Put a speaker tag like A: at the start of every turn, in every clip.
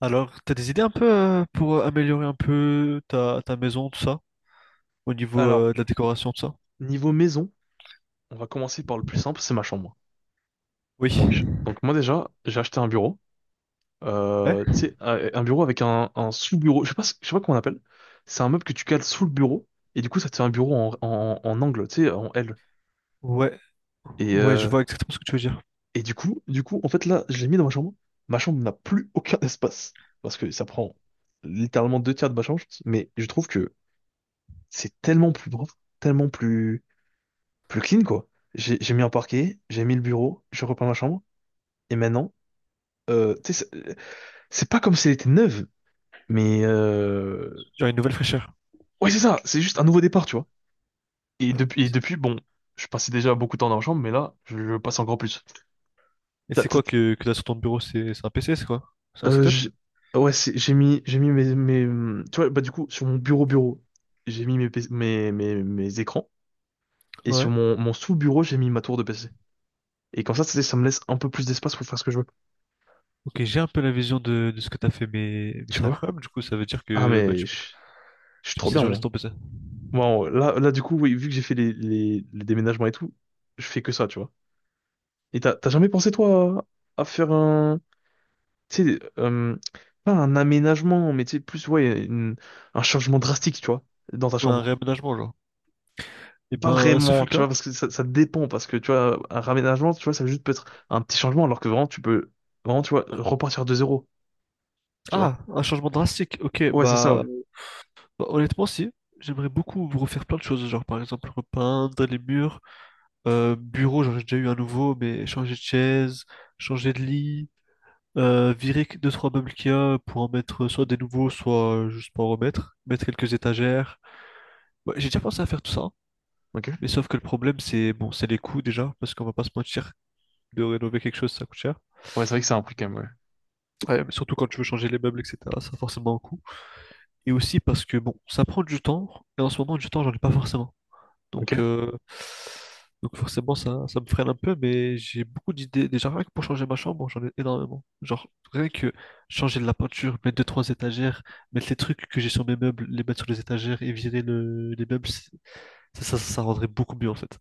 A: Alors, t'as des idées un peu pour améliorer un peu ta maison, tout ça, au niveau
B: Alors,
A: de la décoration, tout ça?
B: niveau maison, on va commencer par le plus simple, c'est ma chambre.
A: Oui.
B: Donc moi déjà, j'ai acheté un bureau.
A: Ouais?
B: Tu sais, un bureau avec un sous-bureau. Je sais pas, je sais pas comment on appelle. C'est un meuble que tu cales sous le bureau. Et du coup, ça te fait un bureau en angle, tu sais, en L.
A: Ouais.
B: Et,
A: Ouais, je
B: euh,
A: vois exactement ce que tu veux dire.
B: et du coup, en fait, là, je l'ai mis dans ma chambre. Ma chambre n'a plus aucun espace. Parce que ça prend littéralement deux tiers de ma chambre. Mais je trouve que c'est tellement plus propre, tellement plus, plus clean, quoi. J'ai mis un parquet, j'ai mis le bureau, je repeins ma chambre. Et maintenant, tu sais, c'est pas comme si elle était neuve, mais
A: Genre une nouvelle fraîcheur.
B: ouais, c'est ça, c'est juste un nouveau départ, tu vois. Et
A: Ouais.
B: depuis, et depuis, bon, je passais déjà beaucoup de temps dans la chambre, mais là, je passe encore plus.
A: Et
B: T'as-
A: c'est
B: t'as-
A: quoi que t'as sur ton bureau? C'est un PC, c'est quoi? C'est un
B: euh,
A: setup?
B: j'ai- ouais, j'ai mis mes, tu vois, bah du coup, sur mon bureau, j'ai mis PC mes écrans, et sur
A: Ouais.
B: mon sous-bureau, j'ai mis ma tour de PC. Et comme ça, tu sais, ça me laisse un peu plus d'espace pour faire ce que je veux,
A: Ok, j'ai un peu la vision de ce que t'as fait, mais
B: tu
A: c'est
B: vois.
A: incroyable. Du coup, ça veut dire
B: Ah
A: que bah,
B: mais,
A: tu
B: je
A: passes,
B: je suis
A: tu
B: trop
A: passes tes
B: bien,
A: journées
B: moi.
A: sur ton PC.
B: Bon, là, du coup, oui, vu que j'ai fait les déménagements et tout, je fais que ça, tu vois. Et t'as jamais pensé, toi, à faire un... Tu sais, pas un aménagement, mais tu sais, plus, ouais, un changement drastique, tu vois, dans ta
A: Ou un
B: chambre.
A: réaménagement, genre. Et
B: Pas
A: ben, ce fut
B: vraiment,
A: le
B: tu
A: cas.
B: vois, parce que ça dépend, parce que, tu vois, un raménagement, tu vois, ça juste peut être un petit changement, alors que vraiment, tu peux, vraiment, tu vois,
A: Ouais.
B: repartir de zéro, tu vois.
A: Ah, un changement drastique. Ok,
B: Ouais, c'est ça,
A: bah.
B: ouais.
A: Bah, honnêtement, si. J'aimerais beaucoup refaire plein de choses, genre par exemple repeindre les murs, bureau, j'en ai déjà eu un nouveau, mais changer de chaise, changer de lit, virer deux, trois meubles qu'il y a pour en mettre soit des nouveaux, soit juste pour en remettre, mettre quelques étagères. Ouais, j'ai déjà pensé à faire tout ça,
B: Ok.
A: mais sauf que le problème c'est bon, c'est les coûts déjà, parce qu'on va pas se mentir, de rénover quelque chose ça coûte cher.
B: Ouais, c'est vrai que c'est un prix quand même, ouais.
A: Ouais, mais surtout quand tu veux changer les meubles, etc., ça a forcément un coût. Et aussi parce que bon, ça prend du temps, et en ce moment du temps j'en ai pas forcément.
B: Ok.
A: Donc, euh, donc forcément, ça me freine un peu, mais j'ai beaucoup d'idées. Déjà, rien que pour changer ma chambre, j'en ai énormément. Genre, rien que changer de la peinture, mettre deux, trois étagères, mettre les trucs que j'ai sur mes meubles, les mettre sur les étagères et virer les meubles. Ça rendrait beaucoup mieux en fait.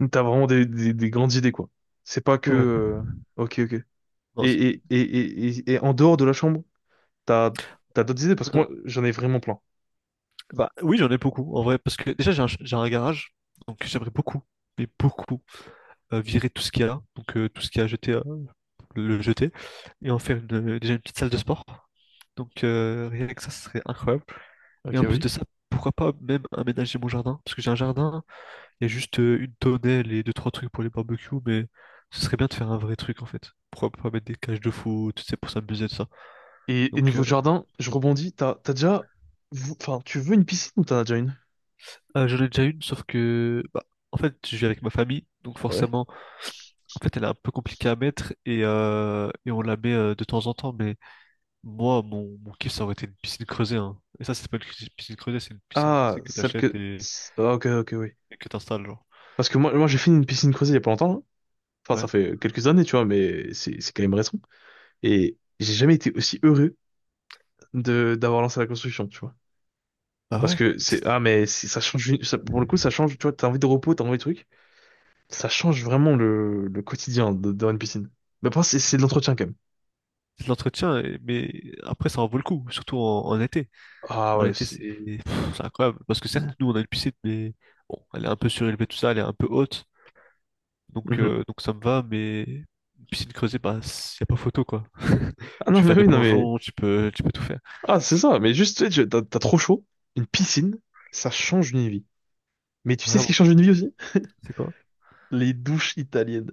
B: Donc, t'as vraiment des grandes idées, quoi. C'est pas que...
A: Ouais.
B: Ok, ok.
A: Non,
B: Et, et, et, et, et- et en dehors de la chambre, t'as, t'as d'autres idées? Parce que
A: non,
B: moi, j'en ai vraiment plein.
A: bah, oui, j'en ai beaucoup en vrai, parce que déjà, j'ai un garage, donc j'aimerais beaucoup, mais beaucoup, virer tout ce qu'il y a là. Donc, tout ce qu'il y a jeté le jeter et en faire déjà une petite salle de sport. Donc rien que ça, ce serait incroyable.
B: Ok,
A: Et en plus
B: oui.
A: de ça, pourquoi pas même aménager mon jardin? Parce que j'ai un jardin, il y a juste une tonnelle et deux, trois trucs pour les barbecues, mais ce serait bien de faire un vrai truc en fait. Pourquoi pas mettre des cages de foot, c'est pour s'amuser de ça.
B: Et
A: Donc
B: niveau
A: euh,
B: jardin, je rebondis, t'as déjà... Enfin, tu veux une piscine ou t'en as déjà une?
A: euh, j'en ai déjà une, sauf que bah, en fait je vis avec ma famille, donc
B: Ouais.
A: forcément en fait elle est un peu compliquée à mettre et on la met de temps en temps, mais Moi, mon kiff, ça aurait été une piscine creusée, hein. Et ça, c'est pas une piscine creusée, c'est une piscine, tu
B: Ah,
A: sais, que
B: celle
A: t'achètes
B: que...
A: et,
B: Ah, ok, ok, oui.
A: et que t'installes, genre.
B: Parce que moi j'ai fini une piscine creusée il y a pas longtemps là. Enfin, ça
A: Ouais.
B: fait quelques années, tu vois, mais c'est quand même récent. Et j'ai jamais été aussi heureux de d'avoir lancé la construction, tu vois.
A: Bah
B: Parce
A: ouais.
B: que
A: C'est
B: c'est... Ah, mais ça change... pour le coup, ça change, tu vois, t'as envie de repos, t'as envie de trucs. Ça change vraiment le quotidien dans une piscine. Mais après, c'est de l'entretien quand même.
A: c'est de l'entretien, mais après, ça en vaut le coup, surtout en, été.
B: Ah
A: En
B: ouais,
A: été,
B: c'est...
A: c'est pff, c'est incroyable. Parce que certes, nous, on a une piscine, mais bon, elle est un peu surélevée, tout ça, elle est un peu haute. Donc,
B: Mhm.
A: euh, donc ça me va, mais une piscine creusée, bah, y a pas photo, quoi.
B: Ah
A: Tu
B: non,
A: peux
B: mais
A: faire des
B: oui, non, mais...
A: plongeons, tu peux tout faire.
B: Ah, c'est ça, mais juste, tu sais, t'as trop chaud. Une piscine, ça change une vie. Mais tu sais ce qui
A: Vraiment.
B: change une vie aussi?
A: C'est quoi?
B: Les douches italiennes.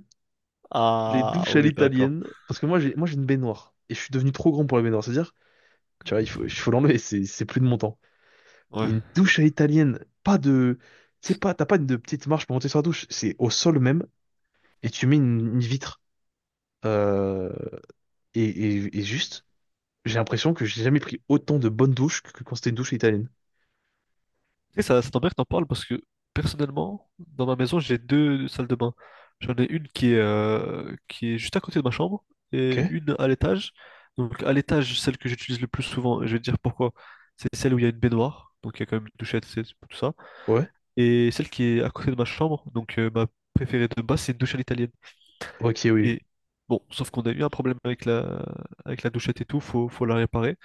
B: Les
A: Ah,
B: douches à
A: on est d'accord.
B: l'italienne. Parce que moi, j'ai une baignoire. Et je suis devenu trop grand pour la baignoire. C'est-à-dire, tu vois, il faut l'enlever, c'est plus de mon temps. Et
A: Ouais.
B: une douche à l'italienne, pas de... Tu sais pas, t'as pas de petite marche pour monter sur la douche. C'est au sol même, et tu mets une vitre. Euh, et juste, j'ai l'impression que j'ai jamais pris autant de bonnes douches que quand c'était une douche italienne.
A: Et ça tombe bien que t'en parles parce que personnellement, dans ma maison, j'ai deux salles de bain. J'en ai une qui est juste à côté de ma chambre
B: Ok,
A: et une à l'étage. Donc à l'étage, celle que j'utilise le plus souvent, et je vais te dire pourquoi, c'est celle où il y a une baignoire, donc il y a quand même une douchette, c'est tout ça.
B: ouais.
A: Et celle qui est à côté de ma chambre, donc ma préférée de base, c'est une douche à l'italienne.
B: Ok, oui. Oui.
A: Et bon, sauf qu'on a eu un problème avec la douchette et tout, faut la réparer.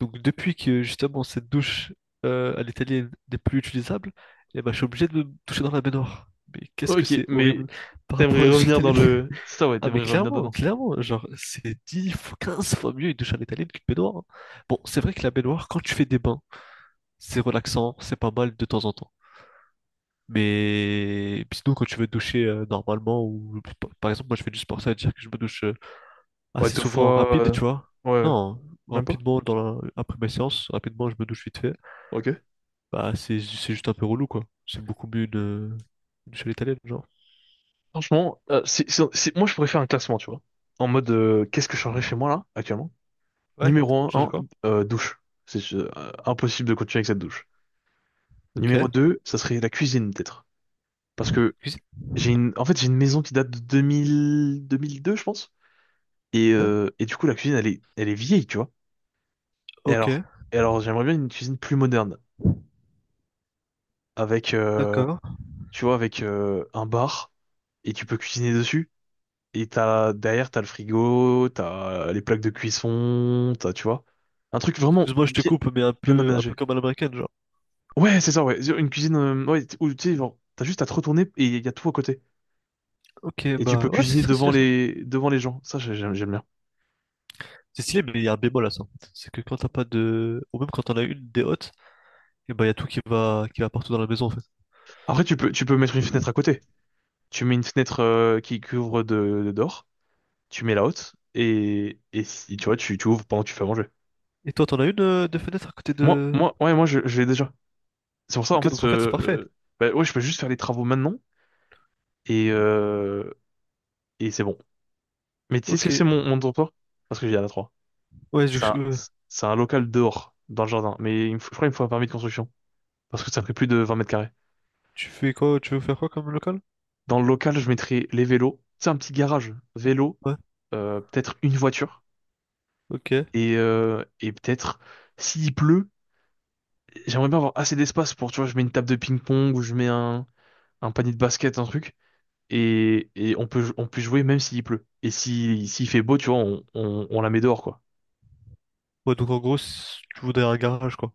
A: Donc depuis que justement cette douche à l'italienne n'est plus utilisable, eh ben, je suis obligé de me toucher dans la baignoire. Mais qu'est-ce que
B: Ok,
A: c'est
B: mais
A: horrible par rapport à
B: t'aimerais
A: la douche
B: revenir dans
A: italienne.
B: le... C'est ça, ouais,
A: Ah mais
B: t'aimerais revenir
A: clairement,
B: dedans.
A: clairement, genre c'est 10, fois 15 fois mieux une douche à l'italienne qu'une baignoire, hein. Bon, c'est vrai que la baignoire, quand tu fais des bains, c'est relaxant, c'est pas mal de temps en temps. Mais puis sinon quand tu veux te doucher normalement ou par exemple moi je fais du sport, ça veut dire que je me douche
B: Ouais,
A: assez
B: deux
A: souvent en
B: fois.
A: rapide, tu vois.
B: Ouais, ouais.
A: Non,
B: Même pas?
A: rapidement dans après ma séance, rapidement je me douche vite fait.
B: Ok.
A: Bah, c'est juste un peu relou, quoi. C'est beaucoup mieux de une seule italienne, genre.
B: Franchement, moi je pourrais faire un classement, tu vois. En mode, qu'est-ce que je changerais chez moi là, actuellement?
A: Ouais,
B: Numéro
A: change
B: 1,
A: quoi?
B: douche. C'est impossible de continuer avec cette douche.
A: Ok.
B: Numéro 2 ça serait la cuisine, peut-être. Parce que
A: Cuisine.
B: j'ai une... En fait, j'ai une maison qui date de 2000... 2002, je pense. Et,
A: Ok.
B: euh, et du coup, la cuisine, elle est vieille, tu vois. Et
A: Ok.
B: alors, et alors j'aimerais bien une cuisine plus moderne, avec,
A: D'accord.
B: tu vois, avec un bar, et tu peux cuisiner dessus. Et t'as, derrière, t'as le frigo, t'as les plaques de cuisson, t'as, tu vois, un truc vraiment
A: Excuse-moi, je te
B: bien,
A: coupe, mais un
B: bien
A: peu, un peu
B: aménagé.
A: comme à l'américaine, genre.
B: Ouais, c'est ça, ouais. Une cuisine, ouais, où, tu sais, genre, t'as juste à te retourner et il y a tout à côté.
A: Ok,
B: Et tu peux
A: bah, ouais, c'est
B: cuisiner
A: très stylé, ça.
B: devant les gens. Ça, j'aime bien.
A: C'est stylé, mais il y a un bémol à ça. C'est que quand t'as pas de. Ou même quand t'en as une, des hôtes, et bah, il y a tout qui va partout dans la maison, en fait.
B: Après, tu peux mettre une fenêtre à côté. Tu mets une fenêtre, qui ouvre de dehors. Tu mets la haute et si, tu vois, tu ouvres pendant que tu fais à manger.
A: Et toi, t'en as une de fenêtre à côté
B: Moi,
A: de.
B: moi, ouais, moi, je, je l'ai déjà. C'est pour ça, en
A: Ok, donc
B: fait,
A: en fait, c'est parfait.
B: bah, ouais, je peux juste faire les travaux maintenant et, euh, et c'est bon. Mais tu sais ce que
A: Ok.
B: c'est mon dortoir? Parce que j'ai la 3.
A: Ouais,
B: C'est un, c'est un local dehors, dans le jardin. Je crois qu'il me faut un permis de construction. Parce que ça fait plus de 20 mètres carrés.
A: tu fais quoi? Tu veux faire quoi comme local?
B: Dans le local, je mettrai les vélos. C'est un petit garage. Vélo,
A: Ouais.
B: peut-être une voiture.
A: Ok.
B: Et peut-être, s'il pleut, j'aimerais bien avoir assez d'espace pour, tu vois, je mets une table de ping-pong ou je mets un panier de basket, un truc, et on peut jouer même s'il pleut. Et si, s'il fait beau, tu vois, on la met dehors, quoi.
A: Ouais, donc en gros, si tu voudrais un garage, quoi.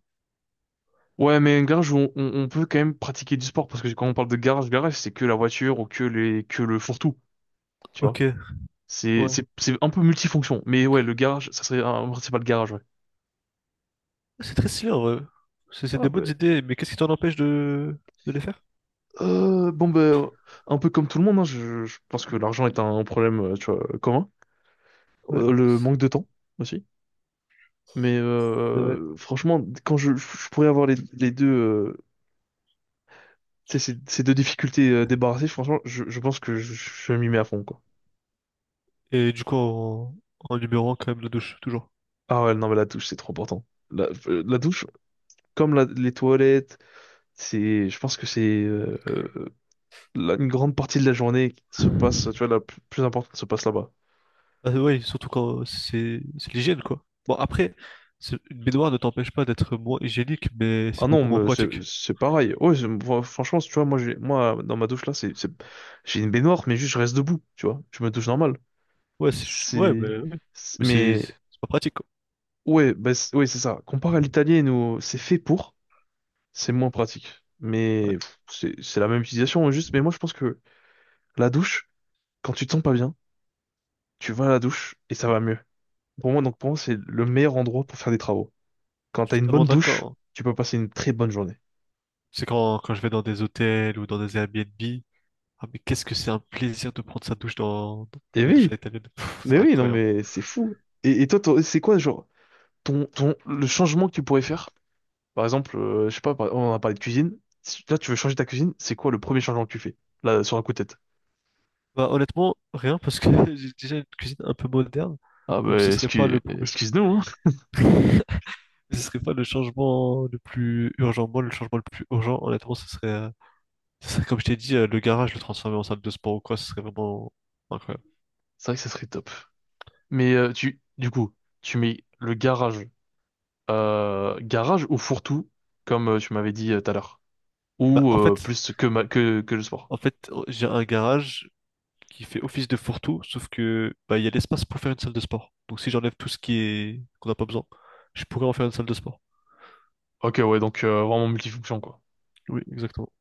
B: Ouais, mais un garage, où on peut quand même pratiquer du sport, parce que quand on parle de garage, garage, c'est que la voiture ou que le fourre-tout, tu vois.
A: Ok,
B: C'est,
A: ouais.
B: c'est, c'est un peu multifonction, mais ouais, le garage, ça serait un principal garage, ouais.
A: C'est très stylé, en vrai. C'est
B: Ah
A: des
B: bah,
A: bonnes idées, mais qu'est-ce qui t'en empêche de les faire?
B: bon bah, un peu comme tout le monde, hein, je pense que l'argent est un problème, tu vois, commun.
A: Ouais,
B: Le manque de temps aussi. Mais
A: c'est vrai.
B: franchement, quand je pourrais avoir les deux. Tu sais, ces deux difficultés débarrassées, franchement, je pense que je m'y mets à fond, quoi.
A: Et du coup, en, numérant quand même la douche, toujours.
B: Ah ouais, non, mais la douche, c'est trop important. La douche, comme les toilettes, c'est, je pense que c'est une grande partie de la journée qui se passe, tu vois, la plus importante se passe là-bas.
A: Bah ouais, surtout quand c'est l'hygiène, quoi. Bon, après, une baignoire ne t'empêche pas d'être moins hygiénique, mais
B: Ah
A: c'est
B: non,
A: beaucoup moins
B: mais c'est
A: pratique.
B: c'est pareil. Ouais, moi, franchement, tu vois, moi, moi, dans ma douche là, j'ai une baignoire, mais juste je reste debout, tu vois. Je me douche normal.
A: Ouais,
B: C'est,
A: ouais.
B: c'est-
A: Mais c'est
B: mais
A: c'est pas pratique, quoi.
B: ouais, bah, ouais, c'est ça. Comparé à l'italienne où c'est fait pour. C'est moins pratique. Mais pff, c'est la même utilisation, hein, juste. Mais moi, je pense que la douche, quand tu te sens pas bien, tu vas à la douche et ça va mieux. Pour moi, donc, pour moi, c'est le meilleur endroit pour faire des travaux. Quand
A: Je
B: t'as
A: suis
B: une
A: totalement
B: bonne
A: d'accord,
B: douche,
A: hein.
B: tu peux passer une très bonne journée.
A: C'est quand je vais dans des hôtels ou dans des Airbnb. Ah, mais qu'est-ce que c'est un plaisir de prendre sa douche dans
B: Et
A: les douches à
B: oui,
A: l'italienne. C'est
B: mais oui, non,
A: incroyable.
B: mais c'est fou. Et toi, toi, c'est quoi, genre, le changement que tu pourrais faire? Par exemple, je sais pas, on a parlé de cuisine. Là, tu veux changer ta cuisine, c'est quoi le premier changement que tu fais? Là, sur un coup de tête.
A: Bah, honnêtement, rien parce que j'ai déjà une cuisine un peu moderne.
B: Ah,
A: Donc
B: bah,
A: ce serait pas le problème.
B: excuse-nous, hein.
A: Ce serait pas le changement le plus urgent. Moi, le changement le plus urgent, honnêtement, ce serait ça, comme je t'ai dit, le garage, le transformer en salle de sport ou quoi, ce serait vraiment incroyable.
B: C'est vrai que ça serait top. Mais du coup, tu mets le garage, garage ou fourre-tout, comme tu m'avais dit tout à l'heure,
A: Bah,
B: ou
A: en fait,
B: plus que, que le sport.
A: oh, j'ai un garage qui fait office de fourre-tout, sauf que bah, il y a l'espace pour faire une salle de sport. Donc si j'enlève tout ce qui est qu'on n'a pas besoin, je pourrais en faire une salle de sport.
B: Ok, ouais, donc vraiment multifonction, quoi.
A: Oui, exactement.